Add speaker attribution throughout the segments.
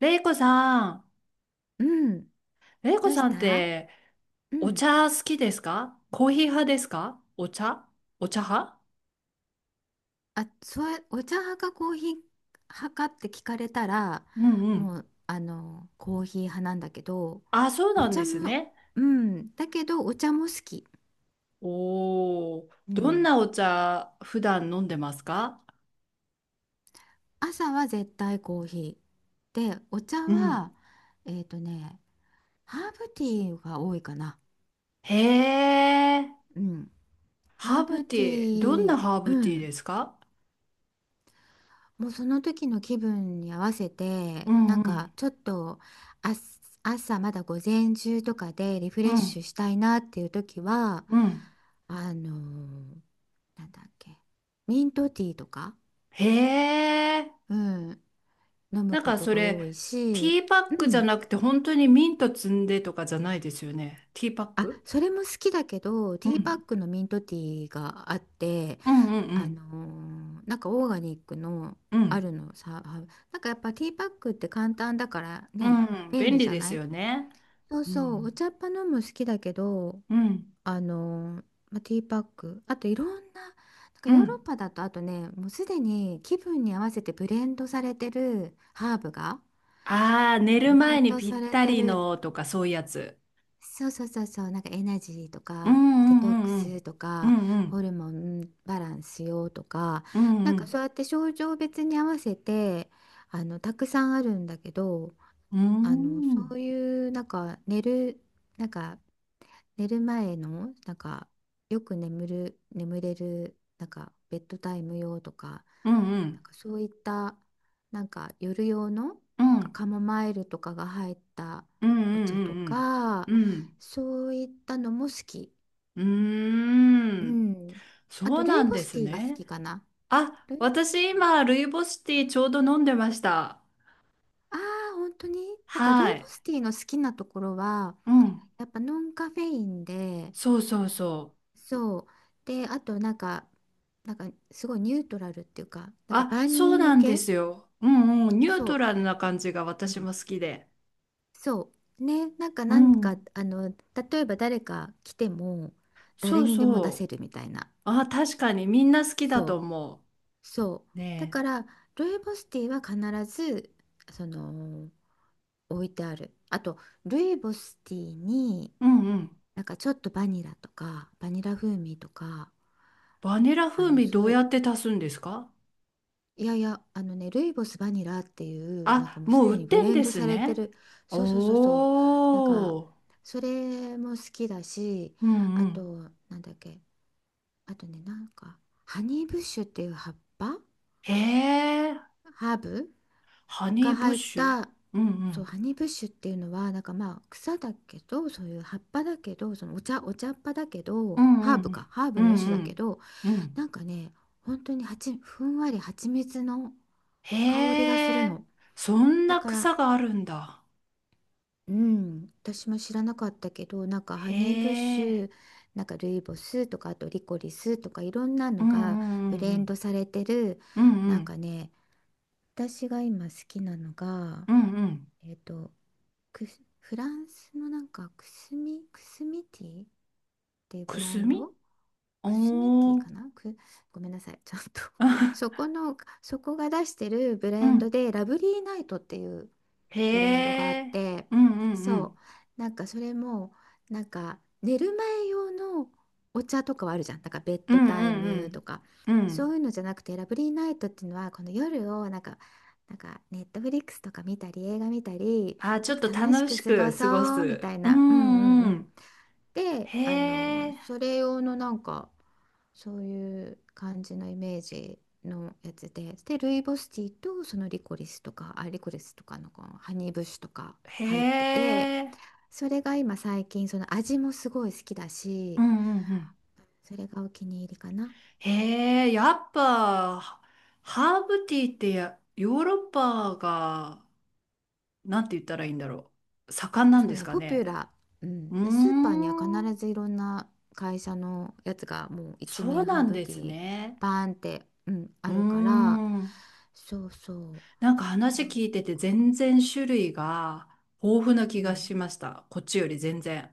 Speaker 1: レイコさん、
Speaker 2: うん。
Speaker 1: レイコ
Speaker 2: どうし
Speaker 1: さんっ
Speaker 2: た。
Speaker 1: て、
Speaker 2: う
Speaker 1: お
Speaker 2: ん。
Speaker 1: 茶好きですか？コーヒー派ですか？お茶、お茶派。
Speaker 2: あ、そう、お茶派かコーヒー派かって聞かれたら、
Speaker 1: うんうん。
Speaker 2: もう、コーヒー派なんだけど、
Speaker 1: あ、そう
Speaker 2: お
Speaker 1: なんで
Speaker 2: 茶
Speaker 1: す
Speaker 2: も、
Speaker 1: ね。
Speaker 2: うん。だけど、お茶も好き。
Speaker 1: おー、
Speaker 2: う
Speaker 1: どん
Speaker 2: ん。
Speaker 1: なお茶普段飲んでますか？
Speaker 2: 朝は絶対コーヒー。で、お茶
Speaker 1: うん。
Speaker 2: は、えっとね、ハーブティーが多いかな。
Speaker 1: へえ、
Speaker 2: うん。ハ
Speaker 1: ハ
Speaker 2: ー
Speaker 1: ーブ
Speaker 2: ブテ
Speaker 1: ティー、どん
Speaker 2: ィ
Speaker 1: な
Speaker 2: ー、
Speaker 1: ハーブ
Speaker 2: う
Speaker 1: ティー
Speaker 2: ん。
Speaker 1: ですか？
Speaker 2: もうその時の気分に合わせ
Speaker 1: う
Speaker 2: て、な
Speaker 1: ん
Speaker 2: ん
Speaker 1: う
Speaker 2: か
Speaker 1: ん
Speaker 2: ちょっと、あ朝まだ午前中とかでリフ
Speaker 1: う
Speaker 2: レッ
Speaker 1: ん
Speaker 2: シュしたいなっていう時は、
Speaker 1: うん、
Speaker 2: あのーなんだっけ、ミントティーとか、
Speaker 1: へえ、
Speaker 2: うん、飲む
Speaker 1: なん
Speaker 2: こ
Speaker 1: か
Speaker 2: と
Speaker 1: そ
Speaker 2: が多
Speaker 1: れ、
Speaker 2: い
Speaker 1: テ
Speaker 2: し、
Speaker 1: ィーパッ
Speaker 2: う
Speaker 1: クじゃ
Speaker 2: ん、
Speaker 1: なくて本当にミント摘んでとかじゃないですよね？ティーパッ
Speaker 2: あ、
Speaker 1: ク。
Speaker 2: それも好きだけど、
Speaker 1: う
Speaker 2: ティーパッ
Speaker 1: ん。
Speaker 2: クのミントティーがあって、
Speaker 1: うんう
Speaker 2: あの
Speaker 1: ん
Speaker 2: なんかオーガニックの
Speaker 1: うん。う
Speaker 2: ある
Speaker 1: ん。
Speaker 2: のさあ、なんかやっぱティーパックって簡単だから
Speaker 1: う
Speaker 2: ね、
Speaker 1: ん。
Speaker 2: 便
Speaker 1: 便
Speaker 2: 利
Speaker 1: 利
Speaker 2: じゃ
Speaker 1: で
Speaker 2: な
Speaker 1: す
Speaker 2: い？
Speaker 1: よね。
Speaker 2: そう
Speaker 1: う
Speaker 2: そう、
Speaker 1: ん。
Speaker 2: お茶っ葉飲む好きだけど、
Speaker 1: うん。
Speaker 2: あの、まあ、ティーパック、あといろんな、なんか
Speaker 1: う
Speaker 2: ヨーロッ
Speaker 1: ん。
Speaker 2: パだと、あとね、もうすでに気分に合わせてブレンドされてるハーブが、
Speaker 1: ああー、寝る
Speaker 2: ブレ
Speaker 1: 前
Speaker 2: ン
Speaker 1: に
Speaker 2: ド
Speaker 1: ぴっ
Speaker 2: され
Speaker 1: た
Speaker 2: て
Speaker 1: り
Speaker 2: る、
Speaker 1: のとかそういうやつ。
Speaker 2: そうそうそうそう、なんかエナジーと
Speaker 1: う
Speaker 2: か、デトック
Speaker 1: んうんうんう
Speaker 2: ス
Speaker 1: ん。
Speaker 2: と
Speaker 1: う
Speaker 2: か、
Speaker 1: んうん。
Speaker 2: ホルモンバランス用とか、
Speaker 1: うん
Speaker 2: な
Speaker 1: う
Speaker 2: んかそ
Speaker 1: ん。
Speaker 2: うやって症状別に合わせて、たくさんあるんだけど、
Speaker 1: うん
Speaker 2: そういう、なんか寝る前のなんか、よく眠れるなんかベッドタイム用とか、
Speaker 1: うんう
Speaker 2: なん
Speaker 1: ん
Speaker 2: かそういったなんか夜用の
Speaker 1: う
Speaker 2: なんか
Speaker 1: ん
Speaker 2: カモマイルとかが入った
Speaker 1: うんう
Speaker 2: お茶と
Speaker 1: ん
Speaker 2: か、
Speaker 1: うんうん
Speaker 2: そういったのも好き。
Speaker 1: う
Speaker 2: う
Speaker 1: ん。
Speaker 2: ん。あ
Speaker 1: そ
Speaker 2: と
Speaker 1: う
Speaker 2: ル
Speaker 1: な
Speaker 2: イ
Speaker 1: ん
Speaker 2: ボ
Speaker 1: で
Speaker 2: ス
Speaker 1: す
Speaker 2: ティーが好
Speaker 1: ね。
Speaker 2: きかな。
Speaker 1: あ、
Speaker 2: ルイボス
Speaker 1: 私今、ルイボスティーちょうど飲んでました。
Speaker 2: ああー、本当になんかル
Speaker 1: は
Speaker 2: イボ
Speaker 1: い。
Speaker 2: スティーの好きなところは、
Speaker 1: うん。
Speaker 2: やっぱノンカフェインで、
Speaker 1: そうそうそう。
Speaker 2: そう。で、あとなんかすごいニュートラルっていうか、なんか
Speaker 1: あ、
Speaker 2: 万
Speaker 1: そう
Speaker 2: 人
Speaker 1: なんで
Speaker 2: 受け、
Speaker 1: すよ。うんうん。ニュート
Speaker 2: そ
Speaker 1: ラルな感じが
Speaker 2: う、う
Speaker 1: 私も
Speaker 2: ん。
Speaker 1: 好きで。
Speaker 2: そうね、なんか、
Speaker 1: うん。
Speaker 2: 例えば誰か来ても、
Speaker 1: そ
Speaker 2: 誰
Speaker 1: う
Speaker 2: にでも出
Speaker 1: そ
Speaker 2: せ
Speaker 1: う。
Speaker 2: るみたいな、
Speaker 1: あ、確かにみんな好きだ
Speaker 2: そ
Speaker 1: と
Speaker 2: う、
Speaker 1: 思
Speaker 2: そう
Speaker 1: う。
Speaker 2: だ
Speaker 1: ね
Speaker 2: から、ルイボスティーは必ずその置いてある、あとルイボスティーに
Speaker 1: え。うんうん。
Speaker 2: なんかちょっとバニラとか、バニラ風味とか、
Speaker 1: バニラ風味
Speaker 2: そ
Speaker 1: ど
Speaker 2: う
Speaker 1: う
Speaker 2: い
Speaker 1: や
Speaker 2: う、
Speaker 1: って足すんですか？
Speaker 2: いやいや、ルイボスバニラっていう、なんか
Speaker 1: あ、
Speaker 2: もうす
Speaker 1: もう売
Speaker 2: で
Speaker 1: っ
Speaker 2: にブ
Speaker 1: てん
Speaker 2: レン
Speaker 1: で
Speaker 2: ド
Speaker 1: す
Speaker 2: されて
Speaker 1: ね。
Speaker 2: る、そうそうそうそう、なんか、
Speaker 1: おー。
Speaker 2: それも好きだし、
Speaker 1: うん
Speaker 2: あ
Speaker 1: うん。
Speaker 2: と、なんだっけ、あとね、なんか、ハニーブッシュっていう葉っぱ、
Speaker 1: へえ。
Speaker 2: ハーブ
Speaker 1: ハニ
Speaker 2: が
Speaker 1: ーブッ
Speaker 2: 入っ
Speaker 1: シュ。
Speaker 2: た、
Speaker 1: うんう
Speaker 2: そう、
Speaker 1: ん。
Speaker 2: ハニーブッシュっていうのは、なんか、まあ、草だけど、そういう葉っぱだけど、お茶っ葉だけ
Speaker 1: う
Speaker 2: ど、
Speaker 1: んうん
Speaker 2: ハー
Speaker 1: うん。う
Speaker 2: ブの一
Speaker 1: ん
Speaker 2: 種
Speaker 1: う
Speaker 2: だけ
Speaker 1: ん。
Speaker 2: ど、
Speaker 1: うん
Speaker 2: なんかね、本当にふんわり蜂蜜の香りがする
Speaker 1: へえ。
Speaker 2: の。
Speaker 1: そん
Speaker 2: だ
Speaker 1: な
Speaker 2: から、
Speaker 1: 草があるんだ。
Speaker 2: うん、私も知らなかったけど、なんかハ
Speaker 1: へ
Speaker 2: ニーブッシ
Speaker 1: え。
Speaker 2: ュ、なんかルイボスとか、あとリコリスとか、いろんな
Speaker 1: う
Speaker 2: のが
Speaker 1: ん
Speaker 2: ブ
Speaker 1: う
Speaker 2: レンド
Speaker 1: ん
Speaker 2: されてる、
Speaker 1: うんう
Speaker 2: なん
Speaker 1: ん
Speaker 2: かね、私が今好きなのが、
Speaker 1: うんうんうん
Speaker 2: えっとフランスのなんか、くすみティーっていう
Speaker 1: く
Speaker 2: ブラ
Speaker 1: す
Speaker 2: ン
Speaker 1: み、
Speaker 2: ド、くすみティー
Speaker 1: おー、
Speaker 2: かなごめんなさい。ちゃんと
Speaker 1: あ、
Speaker 2: そこが出してるブ
Speaker 1: う
Speaker 2: レンド
Speaker 1: ん、
Speaker 2: で、ラブリーナイトっていうブレンドがあ
Speaker 1: へ
Speaker 2: っ
Speaker 1: え、
Speaker 2: て、
Speaker 1: うんう
Speaker 2: そ
Speaker 1: ん
Speaker 2: う。なんかそれも、なんか寝る前用のお茶とかはあるじゃん。なんかベッ
Speaker 1: うん
Speaker 2: ド
Speaker 1: う
Speaker 2: タイムと
Speaker 1: ん
Speaker 2: か、
Speaker 1: うんうんう
Speaker 2: そ
Speaker 1: ん、
Speaker 2: ういうのじゃなくて、ラブリーナイトっていうのは、この夜をなんか、なんかネットフリックスとか見たり映画見たり、
Speaker 1: あ、
Speaker 2: ち
Speaker 1: ち
Speaker 2: ょ
Speaker 1: ょ
Speaker 2: っ
Speaker 1: っと
Speaker 2: と楽し
Speaker 1: 楽し
Speaker 2: く過ご
Speaker 1: く過ご
Speaker 2: そうみ
Speaker 1: す、
Speaker 2: たい
Speaker 1: う
Speaker 2: な、うんうん
Speaker 1: んう
Speaker 2: うん、
Speaker 1: ん、
Speaker 2: で
Speaker 1: へえ、
Speaker 2: それ用のなんかそういう感じのイメージのやつで、ルイボスティーと、そのリコリスとか、あ、リコリスとかの、このハニーブッシュとか入って
Speaker 1: へ
Speaker 2: て、
Speaker 1: え、
Speaker 2: それが今最近その味もすごい好きだ
Speaker 1: う
Speaker 2: し、
Speaker 1: んうんうん、
Speaker 2: それがお気に入りかな。
Speaker 1: へえ、やっぱハーブティーって、や、ヨーロッパが、なんて言ったらいいんだろう盛んなん
Speaker 2: そう
Speaker 1: です
Speaker 2: ね、
Speaker 1: か
Speaker 2: ポピュ
Speaker 1: ね？
Speaker 2: ラー、
Speaker 1: うー
Speaker 2: うん、スーパーには
Speaker 1: ん。
Speaker 2: 必ずいろんな会社のやつがもう一
Speaker 1: そう
Speaker 2: 面
Speaker 1: な
Speaker 2: ハー
Speaker 1: ん
Speaker 2: ブ
Speaker 1: で
Speaker 2: ティ
Speaker 1: す
Speaker 2: ー
Speaker 1: ね。
Speaker 2: バーンって、うん、
Speaker 1: うー
Speaker 2: あるから、
Speaker 1: ん。
Speaker 2: そうそ
Speaker 1: なんか
Speaker 2: う、
Speaker 1: 話
Speaker 2: なん
Speaker 1: 聞いてて
Speaker 2: か、
Speaker 1: 全然種類が豊富な気
Speaker 2: う
Speaker 1: が
Speaker 2: ん、
Speaker 1: しました。こっちより全然。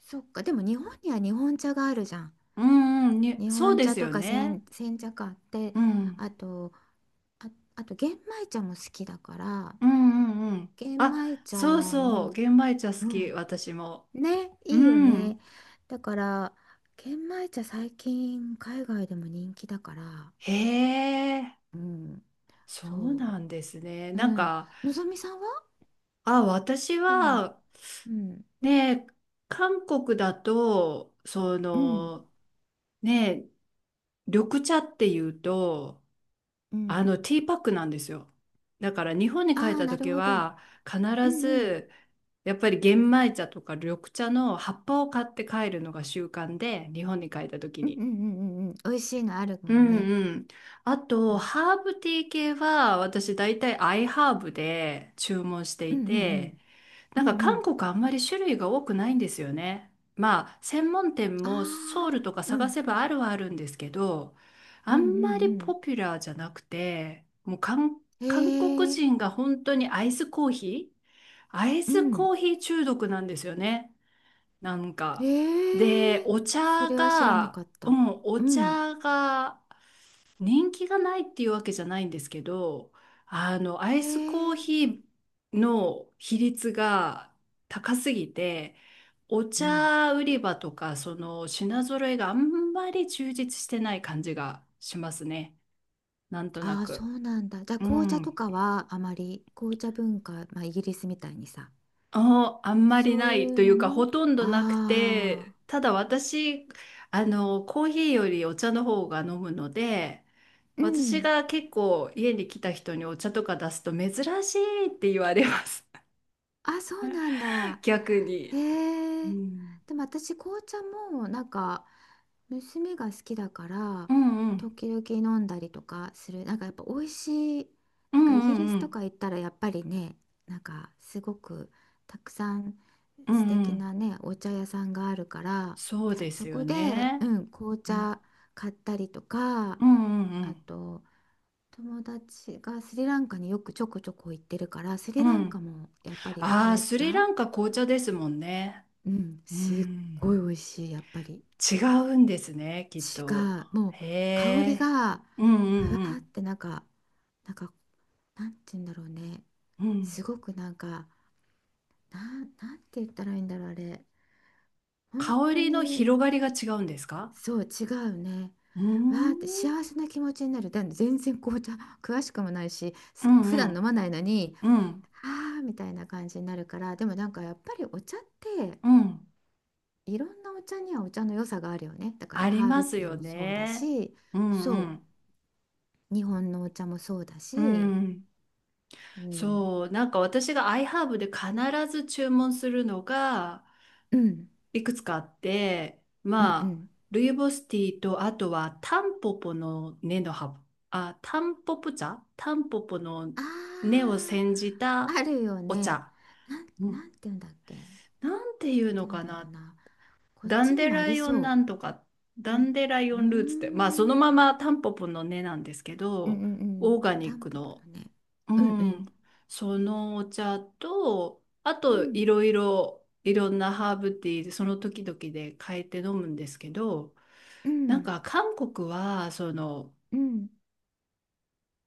Speaker 2: そっか、でも日本には日本茶があるじゃん。
Speaker 1: うんうん、に、
Speaker 2: 日
Speaker 1: そう
Speaker 2: 本
Speaker 1: で
Speaker 2: 茶
Speaker 1: す
Speaker 2: と
Speaker 1: よ
Speaker 2: か
Speaker 1: ね。
Speaker 2: 煎茶か、って、
Speaker 1: うん。
Speaker 2: あとあ、あと玄米茶も好きだから、
Speaker 1: うんうんうん。
Speaker 2: 玄
Speaker 1: あ、
Speaker 2: 米茶
Speaker 1: そうそう。
Speaker 2: も、
Speaker 1: 玄米茶好
Speaker 2: う
Speaker 1: き、
Speaker 2: ん、
Speaker 1: 私も。
Speaker 2: ね、
Speaker 1: う
Speaker 2: いいよ
Speaker 1: ん。
Speaker 2: ね。だから玄米茶、最近海外でも人気だから、
Speaker 1: へえ、
Speaker 2: うん、
Speaker 1: そう
Speaker 2: そ
Speaker 1: なんですね。
Speaker 2: う、う
Speaker 1: なん
Speaker 2: ん、
Speaker 1: か、
Speaker 2: のぞみさんは好
Speaker 1: あ、私
Speaker 2: きな、
Speaker 1: は、
Speaker 2: うん、
Speaker 1: ね、韓国だと、そ
Speaker 2: うん
Speaker 1: の、ね、緑茶っていうと、
Speaker 2: う
Speaker 1: あ
Speaker 2: ん、
Speaker 1: の、ティーパックなんですよ。だから日本に帰っ
Speaker 2: ああー、
Speaker 1: た
Speaker 2: なる
Speaker 1: 時
Speaker 2: ほど、
Speaker 1: は必
Speaker 2: うん、うん
Speaker 1: ずやっぱり玄米茶とか緑茶の葉っぱを買って帰るのが習慣で、日本に帰った時
Speaker 2: うん
Speaker 1: に。
Speaker 2: うんうんうんうん、美味しいのある
Speaker 1: う
Speaker 2: もん
Speaker 1: ん
Speaker 2: ね、
Speaker 1: うん。あ
Speaker 2: う
Speaker 1: と、
Speaker 2: ん
Speaker 1: ハーブティー系は、私大体アイハーブで注文して
Speaker 2: うん
Speaker 1: い
Speaker 2: う
Speaker 1: て、
Speaker 2: ん
Speaker 1: な
Speaker 2: うんう
Speaker 1: んか
Speaker 2: んう
Speaker 1: 韓
Speaker 2: ん、
Speaker 1: 国あんまり種類が多くないんですよね。まあ、専門店
Speaker 2: あ
Speaker 1: もソウル
Speaker 2: あ、
Speaker 1: とか
Speaker 2: う
Speaker 1: 探
Speaker 2: ん
Speaker 1: せばあるはあるんですけど、
Speaker 2: う
Speaker 1: あ
Speaker 2: んう
Speaker 1: んまりポ
Speaker 2: ん
Speaker 1: ピュラーじゃなくて、もう
Speaker 2: うん、
Speaker 1: 韓国
Speaker 2: へえ、
Speaker 1: 人が本当にアイスコーヒー、アイ
Speaker 2: う
Speaker 1: ス
Speaker 2: ん。う
Speaker 1: コ
Speaker 2: ん、
Speaker 1: ーヒー中毒なんですよね。なんか。
Speaker 2: へ
Speaker 1: で、
Speaker 2: え、
Speaker 1: お
Speaker 2: そ
Speaker 1: 茶
Speaker 2: れは知らな
Speaker 1: が、
Speaker 2: かっ
Speaker 1: う
Speaker 2: た。
Speaker 1: ん、お
Speaker 2: うん。
Speaker 1: 茶が、人気がないっていうわけじゃないんですけど、あの、ア
Speaker 2: へ
Speaker 1: イスコー
Speaker 2: え、
Speaker 1: ヒーの比率が高すぎて、お
Speaker 2: うん、
Speaker 1: 茶売り場とか、その品揃えがあんまり充実してない感じがしますね。なんとな
Speaker 2: ああ、そ
Speaker 1: く。
Speaker 2: うなんだ。じゃあ
Speaker 1: う
Speaker 2: 紅茶と
Speaker 1: ん。
Speaker 2: かはあまり、紅茶文化、まあイギリスみたいにさ、
Speaker 1: あ、あんまり
Speaker 2: そ
Speaker 1: な
Speaker 2: うい
Speaker 1: い
Speaker 2: う
Speaker 1: とい
Speaker 2: の
Speaker 1: うか、
Speaker 2: も、
Speaker 1: ほとんどなくて、
Speaker 2: ああ、
Speaker 1: ただ私、あの、コーヒーよりお茶の方が飲むので、
Speaker 2: う
Speaker 1: 私
Speaker 2: ん、
Speaker 1: が結構家に来た人にお茶とか出すと珍しいって言われます。
Speaker 2: あ、そうなん だ。
Speaker 1: 逆に。う
Speaker 2: へえ、
Speaker 1: ん。
Speaker 2: でも私紅茶もなんか娘が好きだから、
Speaker 1: うんうん。
Speaker 2: 時々飲んだりとかする、なんかやっぱ美味しい、
Speaker 1: う
Speaker 2: な
Speaker 1: ん
Speaker 2: んかイギ
Speaker 1: う
Speaker 2: リ
Speaker 1: ん
Speaker 2: ス
Speaker 1: う
Speaker 2: と
Speaker 1: ん。
Speaker 2: か行ったらやっぱりね、なんかすごくたくさん
Speaker 1: う
Speaker 2: 素
Speaker 1: んう
Speaker 2: 敵
Speaker 1: ん。
Speaker 2: なねお茶屋さんがあるから、
Speaker 1: そうで
Speaker 2: そ
Speaker 1: す
Speaker 2: こ
Speaker 1: よ
Speaker 2: で、
Speaker 1: ね。
Speaker 2: うん、紅
Speaker 1: うん
Speaker 2: 茶買ったりとか、
Speaker 1: うんう
Speaker 2: あ
Speaker 1: ん
Speaker 2: と友達がスリランカによくちょこちょこ行ってるから、ス
Speaker 1: う
Speaker 2: リラ
Speaker 1: ん。う
Speaker 2: ンカ
Speaker 1: ん。
Speaker 2: もやっぱり
Speaker 1: ああ、
Speaker 2: 紅
Speaker 1: スリ
Speaker 2: 茶、
Speaker 1: ランカ紅茶ですもんね。
Speaker 2: うん、
Speaker 1: う
Speaker 2: すっ
Speaker 1: ん。
Speaker 2: ごい美味しいやっぱり。
Speaker 1: 違うんですね、きっ
Speaker 2: 違
Speaker 1: と。
Speaker 2: う。もう
Speaker 1: へ
Speaker 2: 香り
Speaker 1: え。
Speaker 2: が、
Speaker 1: う
Speaker 2: ふ
Speaker 1: ん
Speaker 2: わ
Speaker 1: う
Speaker 2: ーっ
Speaker 1: ん
Speaker 2: てなんか、なんか、なんて言うんだろうね。
Speaker 1: うん。う
Speaker 2: す
Speaker 1: ん。
Speaker 2: ごくなんか、なんて言ったらいいんだろう、あれ。本
Speaker 1: 香
Speaker 2: 当
Speaker 1: りの
Speaker 2: に、
Speaker 1: 広がりが違うんですか？
Speaker 2: そう、違うね。
Speaker 1: うー
Speaker 2: わーって
Speaker 1: ん。
Speaker 2: 幸せな気持ちになる。で、全然紅茶詳しくもないし、
Speaker 1: う
Speaker 2: 普
Speaker 1: んう
Speaker 2: 段飲
Speaker 1: ん。
Speaker 2: まないのに、
Speaker 1: うん。
Speaker 2: あーみたいな感じになるから、でもなんかやっぱりお茶って、
Speaker 1: うん。
Speaker 2: いろんなお茶にはお茶の良さがあるよね。だから
Speaker 1: あり
Speaker 2: ハー
Speaker 1: ま
Speaker 2: ブ
Speaker 1: す
Speaker 2: ティー
Speaker 1: よ
Speaker 2: もそうだ
Speaker 1: ね。
Speaker 2: し、
Speaker 1: うんう
Speaker 2: そ
Speaker 1: ん。
Speaker 2: う。日本のお茶もそうだ
Speaker 1: う
Speaker 2: し、
Speaker 1: ん。
Speaker 2: うん、
Speaker 1: そう。なんか私が iHerb で必ず注文するのが
Speaker 2: うん
Speaker 1: いくつかあって、
Speaker 2: うん
Speaker 1: ま
Speaker 2: う
Speaker 1: あ、
Speaker 2: ん、
Speaker 1: ルイボスティーと、あとはタンポポの根の葉、あ、タンポポ茶、タンポポの根
Speaker 2: あ
Speaker 1: を煎じ
Speaker 2: ー、
Speaker 1: た
Speaker 2: あるよ
Speaker 1: お
Speaker 2: ね、
Speaker 1: 茶。う
Speaker 2: な
Speaker 1: ん。
Speaker 2: んて言うんだっけ、なんて
Speaker 1: なんていうの
Speaker 2: 言うん
Speaker 1: か
Speaker 2: だろう
Speaker 1: な。
Speaker 2: な、こっ
Speaker 1: ダ
Speaker 2: ち
Speaker 1: ン
Speaker 2: に
Speaker 1: デ
Speaker 2: もあ
Speaker 1: ラ
Speaker 2: り
Speaker 1: イオンな
Speaker 2: そ
Speaker 1: んとか、
Speaker 2: う
Speaker 1: ダ
Speaker 2: なん、
Speaker 1: ンデライ
Speaker 2: うー
Speaker 1: オンルーツって、まあその
Speaker 2: ん、
Speaker 1: ままタンポポの根なんですけ
Speaker 2: うんう
Speaker 1: ど、
Speaker 2: んう
Speaker 1: オ
Speaker 2: ん、
Speaker 1: ーガニ
Speaker 2: タ
Speaker 1: ッ
Speaker 2: ン
Speaker 1: ク
Speaker 2: ポポ
Speaker 1: の、
Speaker 2: のね、
Speaker 1: う
Speaker 2: うんうん
Speaker 1: ん、そのお茶と、あ
Speaker 2: う
Speaker 1: と
Speaker 2: ん
Speaker 1: いろいろいろんなハーブティーでその時々で変えて飲むんですけど、
Speaker 2: う
Speaker 1: なん
Speaker 2: ん
Speaker 1: か韓国はその、
Speaker 2: うん、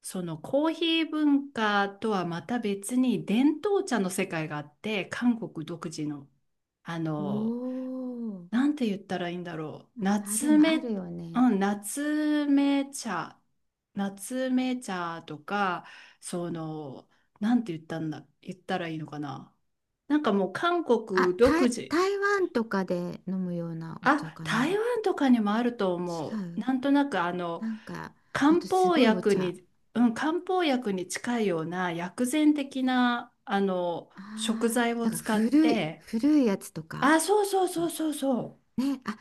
Speaker 1: そのコーヒー文化とはまた別に伝統茶の世界があって、韓国独自の、あ
Speaker 2: お
Speaker 1: の、
Speaker 2: ー、
Speaker 1: なんて言ったらいいんだろう。
Speaker 2: あ、で
Speaker 1: 夏
Speaker 2: も
Speaker 1: 目、
Speaker 2: あるよね、
Speaker 1: うん、夏目茶、夏目茶とか、その、なんて言ったんだ、言ったらいいのかな。なんかもう韓国独自。
Speaker 2: 台湾とかで飲むようなお茶
Speaker 1: あ、
Speaker 2: か
Speaker 1: 台
Speaker 2: な。
Speaker 1: 湾とかにもあると思
Speaker 2: 違
Speaker 1: う。
Speaker 2: う、
Speaker 1: なんとなくあの、
Speaker 2: なんか、あ
Speaker 1: 漢
Speaker 2: とす
Speaker 1: 方
Speaker 2: ごいお
Speaker 1: 薬
Speaker 2: 茶、
Speaker 1: に、うん、漢方薬に近いような薬膳的な、あの、食
Speaker 2: あ
Speaker 1: 材
Speaker 2: あ、
Speaker 1: を
Speaker 2: なんか
Speaker 1: 使っ
Speaker 2: 古い、
Speaker 1: て、
Speaker 2: 古いやつとか、
Speaker 1: あ、そうそうそ
Speaker 2: なん
Speaker 1: う
Speaker 2: か
Speaker 1: そうそう。
Speaker 2: ね、あ、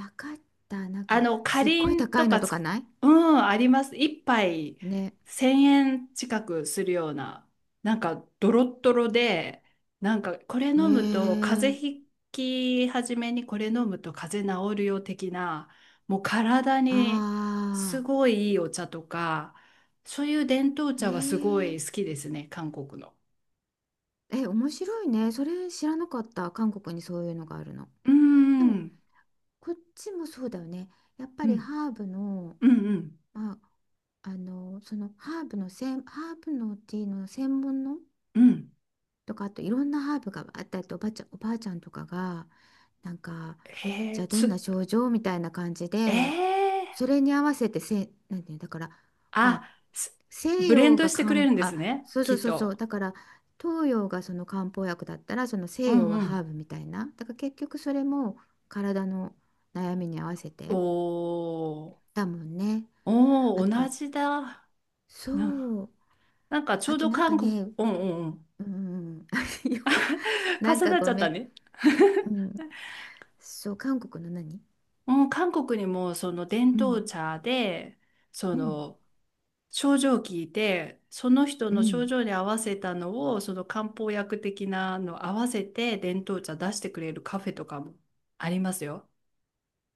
Speaker 2: わかった。なん
Speaker 1: あ
Speaker 2: か、
Speaker 1: の、か
Speaker 2: すっ
Speaker 1: り
Speaker 2: ごい
Speaker 1: ん
Speaker 2: 高
Speaker 1: と
Speaker 2: いの
Speaker 1: か
Speaker 2: と
Speaker 1: つ、
Speaker 2: かない
Speaker 1: うん、あります。一杯
Speaker 2: ね。
Speaker 1: 1000円近くするような、なんかドロッドロで、なんか
Speaker 2: へえ、
Speaker 1: これ飲むと風邪治るよ的な、もう体
Speaker 2: あ
Speaker 1: にすごいいいお茶とか、そういう伝統
Speaker 2: あ、へ
Speaker 1: 茶はすご
Speaker 2: え、
Speaker 1: い好きですね、韓国の。
Speaker 2: え、面白いね。それ知らなかった。韓国にそういうのがあるの。
Speaker 1: うん、
Speaker 2: で
Speaker 1: う
Speaker 2: も、
Speaker 1: ん、
Speaker 2: こっちもそうだよね。やっぱ
Speaker 1: う
Speaker 2: り
Speaker 1: ん、
Speaker 2: ハーブの、
Speaker 1: うん、
Speaker 2: まあ、ハーブのティーの専門の
Speaker 1: うん。
Speaker 2: とか、あといろんなハーブがあったりと、おばあちゃんとかが、なんか、
Speaker 1: へ
Speaker 2: じ
Speaker 1: え、
Speaker 2: ゃあどんな
Speaker 1: つ、
Speaker 2: 症状みたいな感じ
Speaker 1: え
Speaker 2: で、
Speaker 1: え、
Speaker 2: それに合わせてなんていうのだから、ま
Speaker 1: あ、
Speaker 2: あ、西
Speaker 1: ブレン
Speaker 2: 洋
Speaker 1: ド
Speaker 2: が
Speaker 1: してくれ
Speaker 2: 漢
Speaker 1: るんで
Speaker 2: あ
Speaker 1: すね、
Speaker 2: そうそ
Speaker 1: き
Speaker 2: う
Speaker 1: っ
Speaker 2: そうそ
Speaker 1: と。
Speaker 2: う、だから東洋がその漢方薬だったら、その
Speaker 1: う
Speaker 2: 西洋
Speaker 1: ん
Speaker 2: は
Speaker 1: う
Speaker 2: ハ
Speaker 1: ん。
Speaker 2: ーブみたいな、だから結局それも体の悩みに合わせ
Speaker 1: お
Speaker 2: て
Speaker 1: ー、
Speaker 2: だもんね。
Speaker 1: お
Speaker 2: あ
Speaker 1: ー、同
Speaker 2: と、
Speaker 1: じだ。な、
Speaker 2: そう、
Speaker 1: なんかちょ
Speaker 2: あ
Speaker 1: う
Speaker 2: と、
Speaker 1: ど
Speaker 2: なんか
Speaker 1: 韓国、
Speaker 2: ね、
Speaker 1: うんうんうん。
Speaker 2: うん、 あれよ、 なん
Speaker 1: 重
Speaker 2: か
Speaker 1: なっち
Speaker 2: ご
Speaker 1: ゃっ
Speaker 2: め
Speaker 1: た
Speaker 2: ん、
Speaker 1: ね。
Speaker 2: うん、そう、韓国の何、
Speaker 1: うん、韓国にもその伝
Speaker 2: う
Speaker 1: 統
Speaker 2: ん、
Speaker 1: 茶で、そ
Speaker 2: うん、
Speaker 1: の症状を聞いて、その人
Speaker 2: う
Speaker 1: の症
Speaker 2: ん。
Speaker 1: 状に合わせたのを、その漢方薬的なの合わせて伝統茶出してくれるカフェとかもありますよ。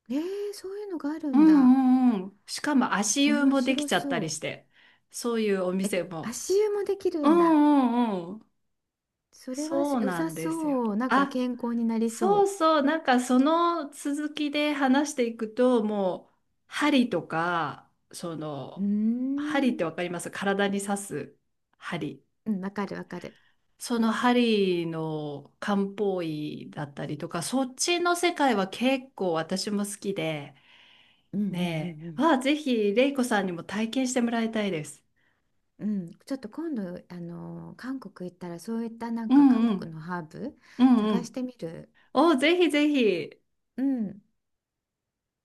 Speaker 2: えー、そういうのがある
Speaker 1: う
Speaker 2: んだ。
Speaker 1: んうんうん。しかも足湯
Speaker 2: 面
Speaker 1: もでき
Speaker 2: 白
Speaker 1: ちゃったり
Speaker 2: そう。
Speaker 1: して、そういうお
Speaker 2: え、
Speaker 1: 店も。
Speaker 2: 足湯もできる
Speaker 1: うん
Speaker 2: んだ。
Speaker 1: うんうん。
Speaker 2: それは
Speaker 1: そう
Speaker 2: 良
Speaker 1: な
Speaker 2: さ
Speaker 1: んですよ。
Speaker 2: そう。なんか
Speaker 1: あ、
Speaker 2: 健康になり
Speaker 1: そう
Speaker 2: そ
Speaker 1: そう。なんかその続きで話していくと、もう針とか、そ
Speaker 2: う、う
Speaker 1: の、
Speaker 2: ー
Speaker 1: 針って
Speaker 2: ん、
Speaker 1: わ
Speaker 2: う。
Speaker 1: かります？体に刺す針。
Speaker 2: うん、わかるわかる。
Speaker 1: その針の漢方医だったりとか、そっちの世界は結構私も好きで、
Speaker 2: うん、うん、う
Speaker 1: ね
Speaker 2: んう
Speaker 1: え。あ
Speaker 2: ん。
Speaker 1: あ、ぜひ、れいこさんにも体験してもらいたいです。
Speaker 2: うん、ちょっと今度、韓国行ったら、そういったなん
Speaker 1: う
Speaker 2: か韓
Speaker 1: んう
Speaker 2: 国
Speaker 1: ん。
Speaker 2: のハーブ
Speaker 1: うんう
Speaker 2: 探し
Speaker 1: ん。
Speaker 2: てみる。
Speaker 1: お、ぜひぜひ。
Speaker 2: うん。